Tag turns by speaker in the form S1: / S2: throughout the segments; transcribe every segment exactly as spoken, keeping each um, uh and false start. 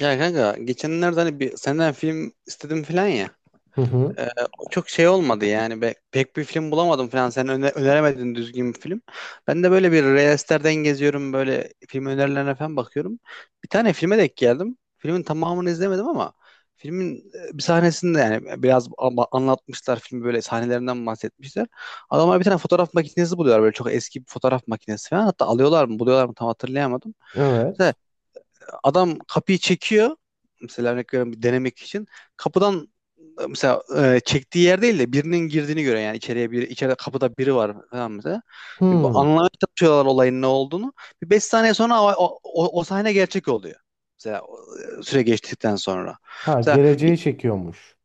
S1: Ya kanka geçenlerde hani bir senden film istedim falan ya.
S2: Hı hı.
S1: Ee, O çok şey olmadı yani. Be- pek bir film bulamadım falan. Sen öne- öneremedin düzgün bir film. Ben de böyle bir Reels'lerden geziyorum, böyle film önerilerine falan bakıyorum. Bir tane filme denk geldim. Filmin tamamını izlemedim ama filmin e, bir sahnesinde yani e, biraz ama- anlatmışlar filmi, böyle sahnelerinden bahsetmişler. Adamlar bir tane fotoğraf makinesi buluyorlar, böyle çok eski bir fotoğraf makinesi falan. Hatta alıyorlar mı buluyorlar mı tam hatırlayamadım,
S2: Evet.
S1: adam kapıyı çekiyor. Mesela örnek veriyorum bir denemek için. Kapıdan e, mesela e, çektiği yer değil de birinin girdiğini gören, yani içeriye bir içeride kapıda biri var falan mesela. Yani bu
S2: Hı.
S1: anlamaya çalışıyorlar olayın ne olduğunu. Bir beş saniye sonra o, o, o- o sahne gerçek oluyor. Mesela o, e, süre geçtikten sonra.
S2: Ha
S1: Mesela
S2: geleceğe çekiyormuş.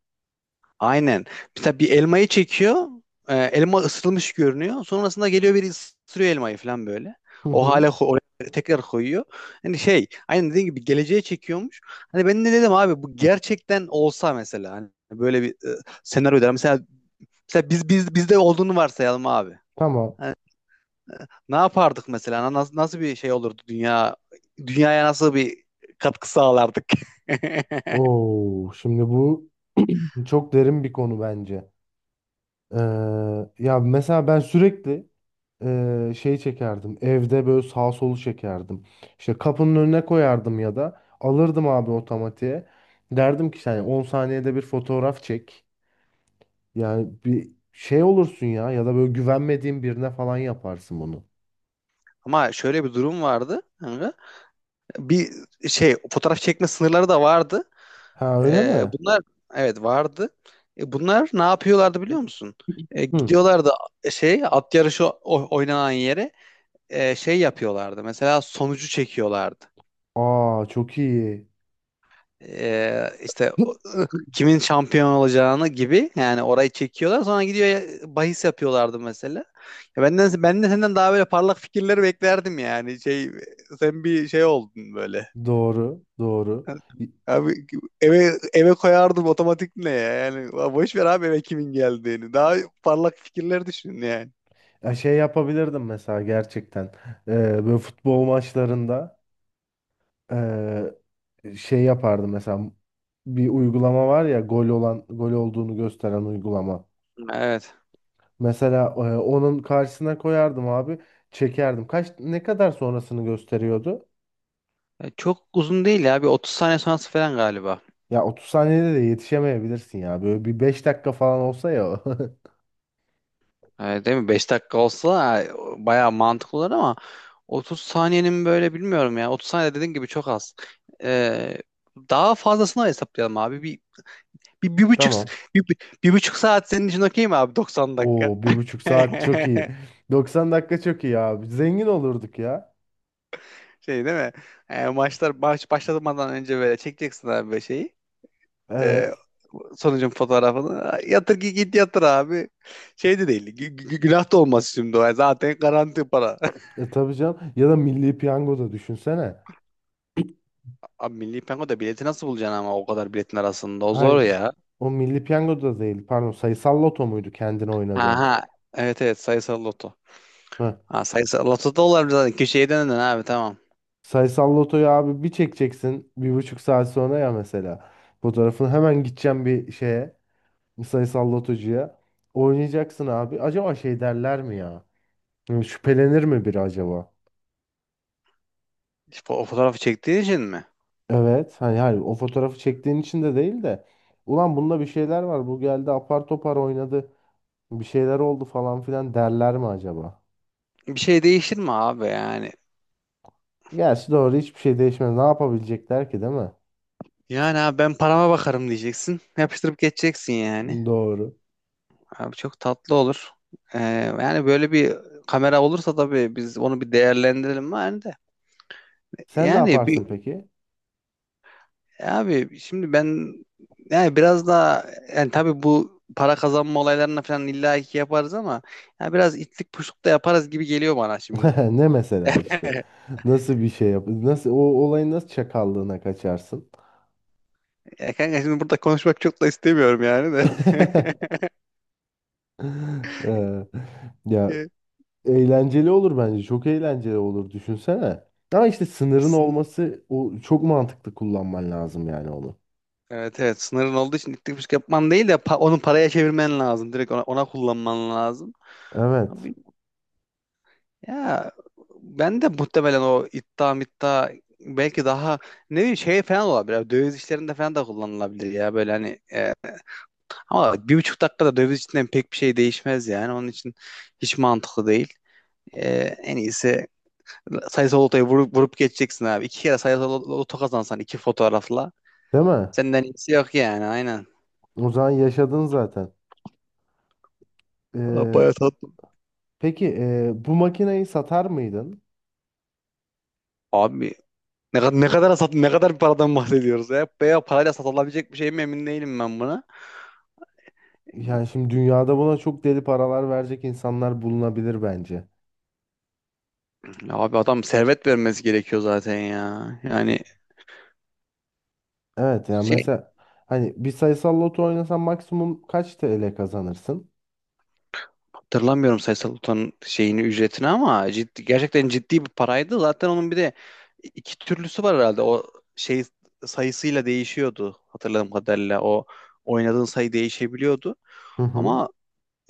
S1: aynen. Mesela bir elmayı çekiyor. E, elma ısıtılmış görünüyor. Sonrasında geliyor, biri ısırıyor elmayı falan böyle.
S2: Hı
S1: O
S2: hı.
S1: hale ko- oraya tekrar koyuyor. Hani şey, aynen dediğin gibi geleceğe çekiyormuş. Hani ben de dedim abi, bu gerçekten olsa mesela, hani böyle bir e, senaryo der. Mesela, mesela biz biz bizde olduğunu varsayalım abi.
S2: Tamam.
S1: Hani ne yapardık mesela? Nasıl, nasıl bir şey olurdu, dünya dünyaya nasıl bir katkı sağlardık?
S2: Oo, şimdi bu çok derin bir konu bence. Ee, Ya mesela ben sürekli e, şey çekerdim. Evde böyle sağ solu çekerdim. İşte kapının önüne koyardım ya da alırdım abi otomatiğe. Derdim ki yani on saniyede bir fotoğraf çek. Yani bir şey olursun ya ya da böyle güvenmediğin birine falan yaparsın bunu.
S1: Ama şöyle bir durum vardı. Bir şey, fotoğraf çekme sınırları da vardı.
S2: Ha öyle
S1: Ee,
S2: mi?
S1: bunlar, evet, vardı. E, bunlar ne yapıyorlardı biliyor musun? E,
S2: Hı.
S1: gidiyorlardı, e, şey, at yarışı o- oynanan yere, e, şey yapıyorlardı. Mesela sonucu çekiyorlardı.
S2: Aa çok iyi.
S1: E, işte o- Kimin şampiyon olacağını gibi yani, orayı çekiyorlar, sonra gidiyor ya- bahis yapıyorlardı mesela. Ya benden ben de senden daha böyle parlak fikirleri beklerdim yani. Şey, sen bir şey oldun böyle.
S2: Doğru, doğru.
S1: Abi, eve eve koyardım otomatik ne ya? Yani boş ver abi eve kimin geldiğini. Daha parlak fikirler düşün yani.
S2: Ya şey yapabilirdim mesela gerçekten. Ee, Böyle futbol maçlarında ee, şey yapardım mesela bir uygulama var ya gol olan gol olduğunu gösteren uygulama.
S1: Evet.
S2: Mesela ee, onun karşısına koyardım abi, çekerdim. Kaç ne kadar sonrasını gösteriyordu?
S1: E, Çok uzun değil ya. Bir otuz saniye sonrası falan galiba.
S2: Ya otuz saniyede de yetişemeyebilirsin ya. Böyle bir beş dakika falan olsa ya.
S1: E, değil mi? Beş dakika olsa e, bayağı mantıklı olur ama otuz saniyenin böyle, bilmiyorum ya. otuz saniye dediğin gibi çok az. E, Daha fazlasını hesaplayalım abi. Bir, bir, bir buçuk,
S2: Tamam.
S1: bir, bir, bir buçuk saat senin için okey mi abi? doksan dakika.
S2: Oo bir buçuk saat çok iyi. Doksan dakika çok iyi abi. Zengin olurduk ya.
S1: Şey, değil mi? E, maçlar baş, başlamadan önce böyle çekeceksin abi, böyle şeyi. E,
S2: Evet.
S1: Sonucun fotoğrafını. Yatır ki git, yatır abi. Şey de değil, gü- gü- günah da olmaz şimdi o. Zaten garanti para.
S2: E tabii canım. Ya da Milli Piyango'da düşünsene.
S1: Abi, Milli Piyango'da bileti nasıl bulacaksın ama, o kadar biletin arasında. O zor
S2: Hayır.
S1: ya.
S2: O Milli Piyango'da değil. Pardon. Sayısal Loto muydu kendini oynadığın?
S1: Aha. Evet, evet, sayısal loto.
S2: Heh.
S1: Ha, sayısal loto da olabilir zaten. Köşeye döndün abi, tamam.
S2: Sayısal Loto'yu abi bir çekeceksin. Bir buçuk saat sonra ya mesela. Fotoğrafını hemen gideceğim bir şeye, bir Sayısal Lotocuya. Oynayacaksın abi. Acaba şey derler mi ya? Yani şüphelenir mi biri acaba?
S1: İşte o fotoğrafı çektiğin için mi?
S2: Evet. Hani, hani o fotoğrafı çektiğin için de değil de. Ulan bunda bir şeyler var. Bu geldi apar topar oynadı. Bir şeyler oldu falan filan derler mi acaba?
S1: Bir şey değişir mi abi yani?
S2: Gerçi doğru hiçbir şey değişmez. Ne yapabilecekler ki değil mi?
S1: Yani abi, ben parama bakarım diyeceksin. Yapıştırıp geçeceksin yani.
S2: Doğru.
S1: Abi çok tatlı olur. Ee, Yani böyle bir kamera olursa tabii biz onu bir değerlendirelim yani de.
S2: Sen ne
S1: Yani bir
S2: yaparsın peki?
S1: abi şimdi ben, yani biraz daha, yani tabii bu para kazanma olaylarına falan illa ki yaparız ama yani biraz itlik puşluk da yaparız gibi geliyor bana şimdi.
S2: Ne mesela işte? Nasıl bir şey yap? Nasıl o olayın nasıl çakallığına kaçarsın?
S1: Ya kanka, şimdi burada konuşmak çok da istemiyorum yani de.
S2: Ee, ya
S1: Ya,
S2: eğlenceli olur bence. Çok eğlenceli olur düşünsene. Ama işte sınırın
S1: sın-
S2: olması o çok mantıklı kullanman lazım yani onu.
S1: evet, evet, sınırın olduğu için itlik puşluk yapman değil de, pa- onu paraya çevirmen lazım. Direkt ona, ona kullanman lazım.
S2: Evet.
S1: Abi. Ya ben de muhtemelen o iddia middia, belki daha ne bileyim şey falan olabilir. Abi, döviz işlerinde falan da kullanılabilir ya, böyle hani e, ama bir buçuk dakikada döviz içinden pek bir şey değişmez, yani onun için hiç mantıklı değil. E, En iyisi sayısal lotoyu vurup, vurup geçeceksin abi. İki kere sayısal lot- loto kazansan, iki fotoğrafla
S2: Değil mi?
S1: senden iyisi yok yani, aynen.
S2: O zaman yaşadın zaten.
S1: Aa,
S2: Ee,
S1: bayağı tatlı.
S2: Peki e, bu makineyi satar mıydın?
S1: Abi ne, kadar ne kadar sat ne kadar bir paradan bahsediyoruz ya. Veya parayla satılabilecek bir şey mi, emin değilim ben buna.
S2: Yani şimdi dünyada buna çok deli paralar verecek insanlar bulunabilir bence.
S1: Ya abi, adam servet vermesi gerekiyor zaten ya.
S2: E,
S1: Yani
S2: Evet yani
S1: şey,
S2: mesela hani bir sayısal loto oynasan maksimum kaç T L kazanırsın?
S1: hatırlamıyorum Sayısal Utan'ın şeyini, ücretini, ama ciddi, gerçekten ciddi bir paraydı. Zaten onun bir de iki türlüsü var herhalde. O şey, sayısıyla değişiyordu hatırladığım kadarıyla. O oynadığın sayı değişebiliyordu.
S2: Hı hı.
S1: Ama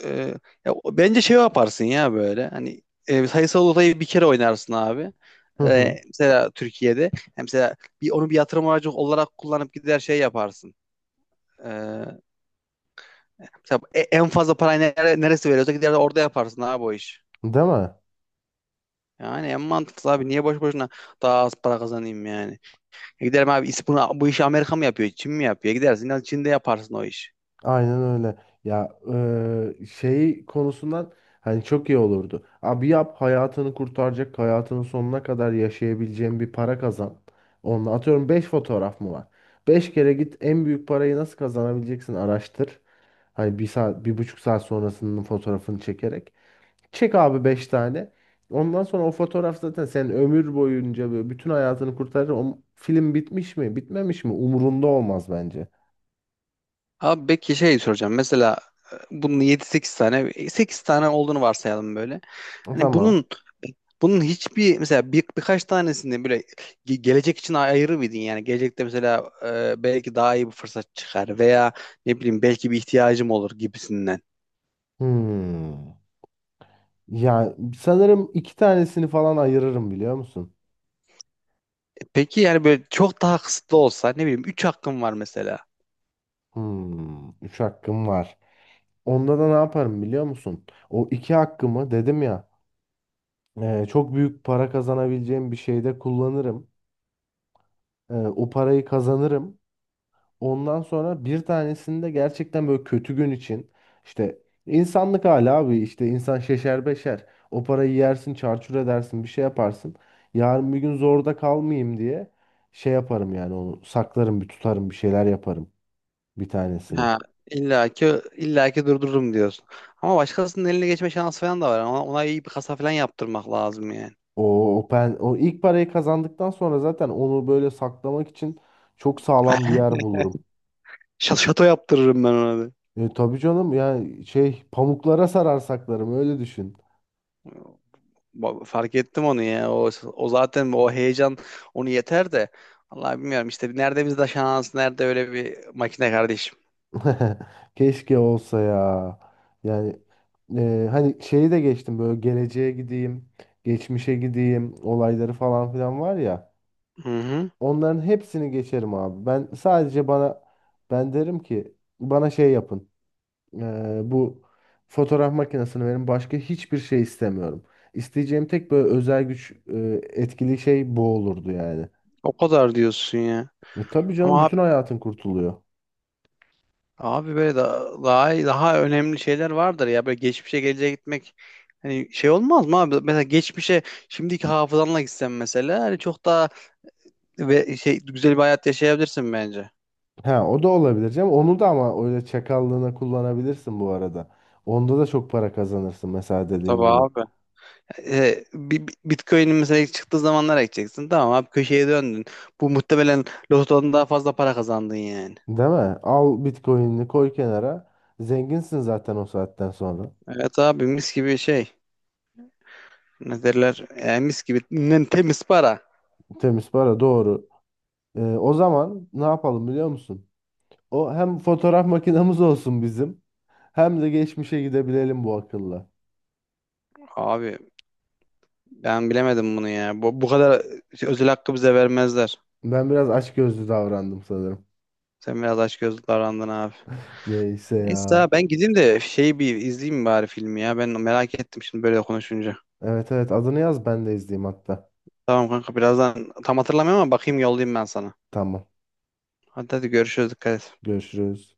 S1: e, ya, o- bence şey yaparsın ya böyle. Hani e, sayısal odayı bir kere oynarsın abi.
S2: Hı hı.
S1: E, mesela Türkiye'de. Hem mesela bir, onu bir yatırım aracı olarak kullanıp gider şey yaparsın. E, Tabii e- en fazla parayı nere- neresi veriyorsa gider de orada yaparsın abi o iş.
S2: Değil mi?
S1: Yani en mantıklı abi, niye boş boşuna daha az para kazanayım yani. E giderim abi, is- bunu, bu işi Amerika mı yapıyor Çin mi yapıyor, gidersin al Çin'de yaparsın o iş.
S2: Aynen öyle. Ya eee, şey konusundan hani çok iyi olurdu. Abi yap hayatını kurtaracak, hayatının sonuna kadar yaşayabileceğin bir para kazan. Onunla atıyorum beş fotoğraf mı var? Beş kere git en büyük parayı nasıl kazanabileceksin araştır. Hani bir saat, bir buçuk saat sonrasının fotoğrafını çekerek. Çek abi beş tane. Ondan sonra o fotoğraf zaten senin ömür boyunca böyle bütün hayatını kurtarır. O film bitmiş mi, bitmemiş mi? Umurunda olmaz bence.
S1: Abi peki şey soracağım, mesela e, bunun yedi sekiz tane, e, sekiz tane olduğunu varsayalım böyle. Hani
S2: Tamam.
S1: bunun bunun hiçbir, mesela bir, birkaç tanesini böyle ge- gelecek için ayırır mıydın yani? Gelecekte mesela e, belki daha iyi bir fırsat çıkar veya ne bileyim, belki bir ihtiyacım olur gibisinden.
S2: Hmm. Ya sanırım iki tanesini falan ayırırım biliyor musun?
S1: Peki yani böyle çok daha kısıtlı olsa, ne bileyim üç hakkım var mesela.
S2: Hmm, üç hakkım var. Onda da ne yaparım biliyor musun? O iki hakkımı dedim ya, e, çok büyük para kazanabileceğim bir şeyde kullanırım. E, o parayı kazanırım. Ondan sonra bir tanesini de gerçekten böyle kötü gün için, işte insanlık hali abi, işte insan şeşer beşer. O parayı yersin çarçur edersin bir şey yaparsın. Yarın bir gün zorda kalmayayım diye şey yaparım yani, onu saklarım bir tutarım bir şeyler yaparım, bir
S1: Ha,
S2: tanesini.
S1: illaki illaki durdururum diyorsun. Ama başkasının eline geçme şansı falan da var. Ona, ona iyi bir kasa falan yaptırmak lazım yani.
S2: O, o, pen, o ilk parayı kazandıktan sonra zaten onu böyle saklamak için çok sağlam bir yer bulurum.
S1: Ş- Şato yaptırırım ben ona da.
S2: E, tabii canım yani şey pamuklara sarar saklarım, öyle düşün.
S1: Ba- Fark ettim onu ya. O, o zaten o heyecan onu yeter de. Vallahi bilmiyorum işte, nerede bizde şans, nerede öyle bir makine kardeşim.
S2: Keşke olsa ya. Yani e, hani şeyi de geçtim, böyle geleceğe gideyim, geçmişe gideyim olayları falan filan var ya.
S1: Hı hı.
S2: Onların hepsini geçerim abi. Ben sadece bana, ben derim ki bana şey yapın. Eee, bu fotoğraf makinesini verin, başka hiçbir şey istemiyorum. İsteyeceğim tek böyle özel güç, eee, etkili şey bu olurdu yani.
S1: O kadar diyorsun ya.
S2: Ve tabii canım
S1: Ama
S2: bütün hayatın kurtuluyor.
S1: abi, böyle da- daha daha önemli şeyler vardır ya, böyle geçmişe geleceğe gitmek, hani şey olmaz mı abi? Mesela geçmişe şimdiki hafızanla gitsen mesela, hani çok daha ve şey güzel bir hayat yaşayabilirsin bence.
S2: Ha o da olabilir canım. Onu da ama öyle çakallığına kullanabilirsin bu arada. Onda da çok para kazanırsın mesela dediğin
S1: Tabii
S2: gibi.
S1: abi. E, bi- bi- Bitcoin'in mesela ilk çıktığı zamanlara gideceksin. Tamam abi, köşeye döndün. Bu muhtemelen lotodan daha fazla para kazandın yani.
S2: Değil mi? Al Bitcoin'ini koy kenara. Zenginsin zaten o saatten sonra.
S1: Evet abi, mis gibi şey. Ne derler? E, mis gibi, nem- temiz para.
S2: Temiz para, doğru. Eee, o zaman ne yapalım biliyor musun? O hem fotoğraf makinamız olsun bizim, hem de geçmişe gidebilelim bu akılla.
S1: Abi ben bilemedim bunu ya. Bu, bu kadar şey, özel hakkı bize vermezler.
S2: Ben biraz açgözlü davrandım sanırım.
S1: Sen biraz açgözlü davrandın abi.
S2: Neyse
S1: Neyse
S2: ya.
S1: abi, ben gideyim de şeyi bir izleyeyim bari, filmi ya. Ben merak ettim şimdi böyle konuşunca.
S2: Evet evet, adını yaz ben de izleyeyim hatta.
S1: Tamam kanka, birazdan tam hatırlamıyorum ama bakayım, yollayayım ben sana.
S2: Tamam.
S1: Hadi hadi, görüşürüz, dikkat et.
S2: Görüşürüz.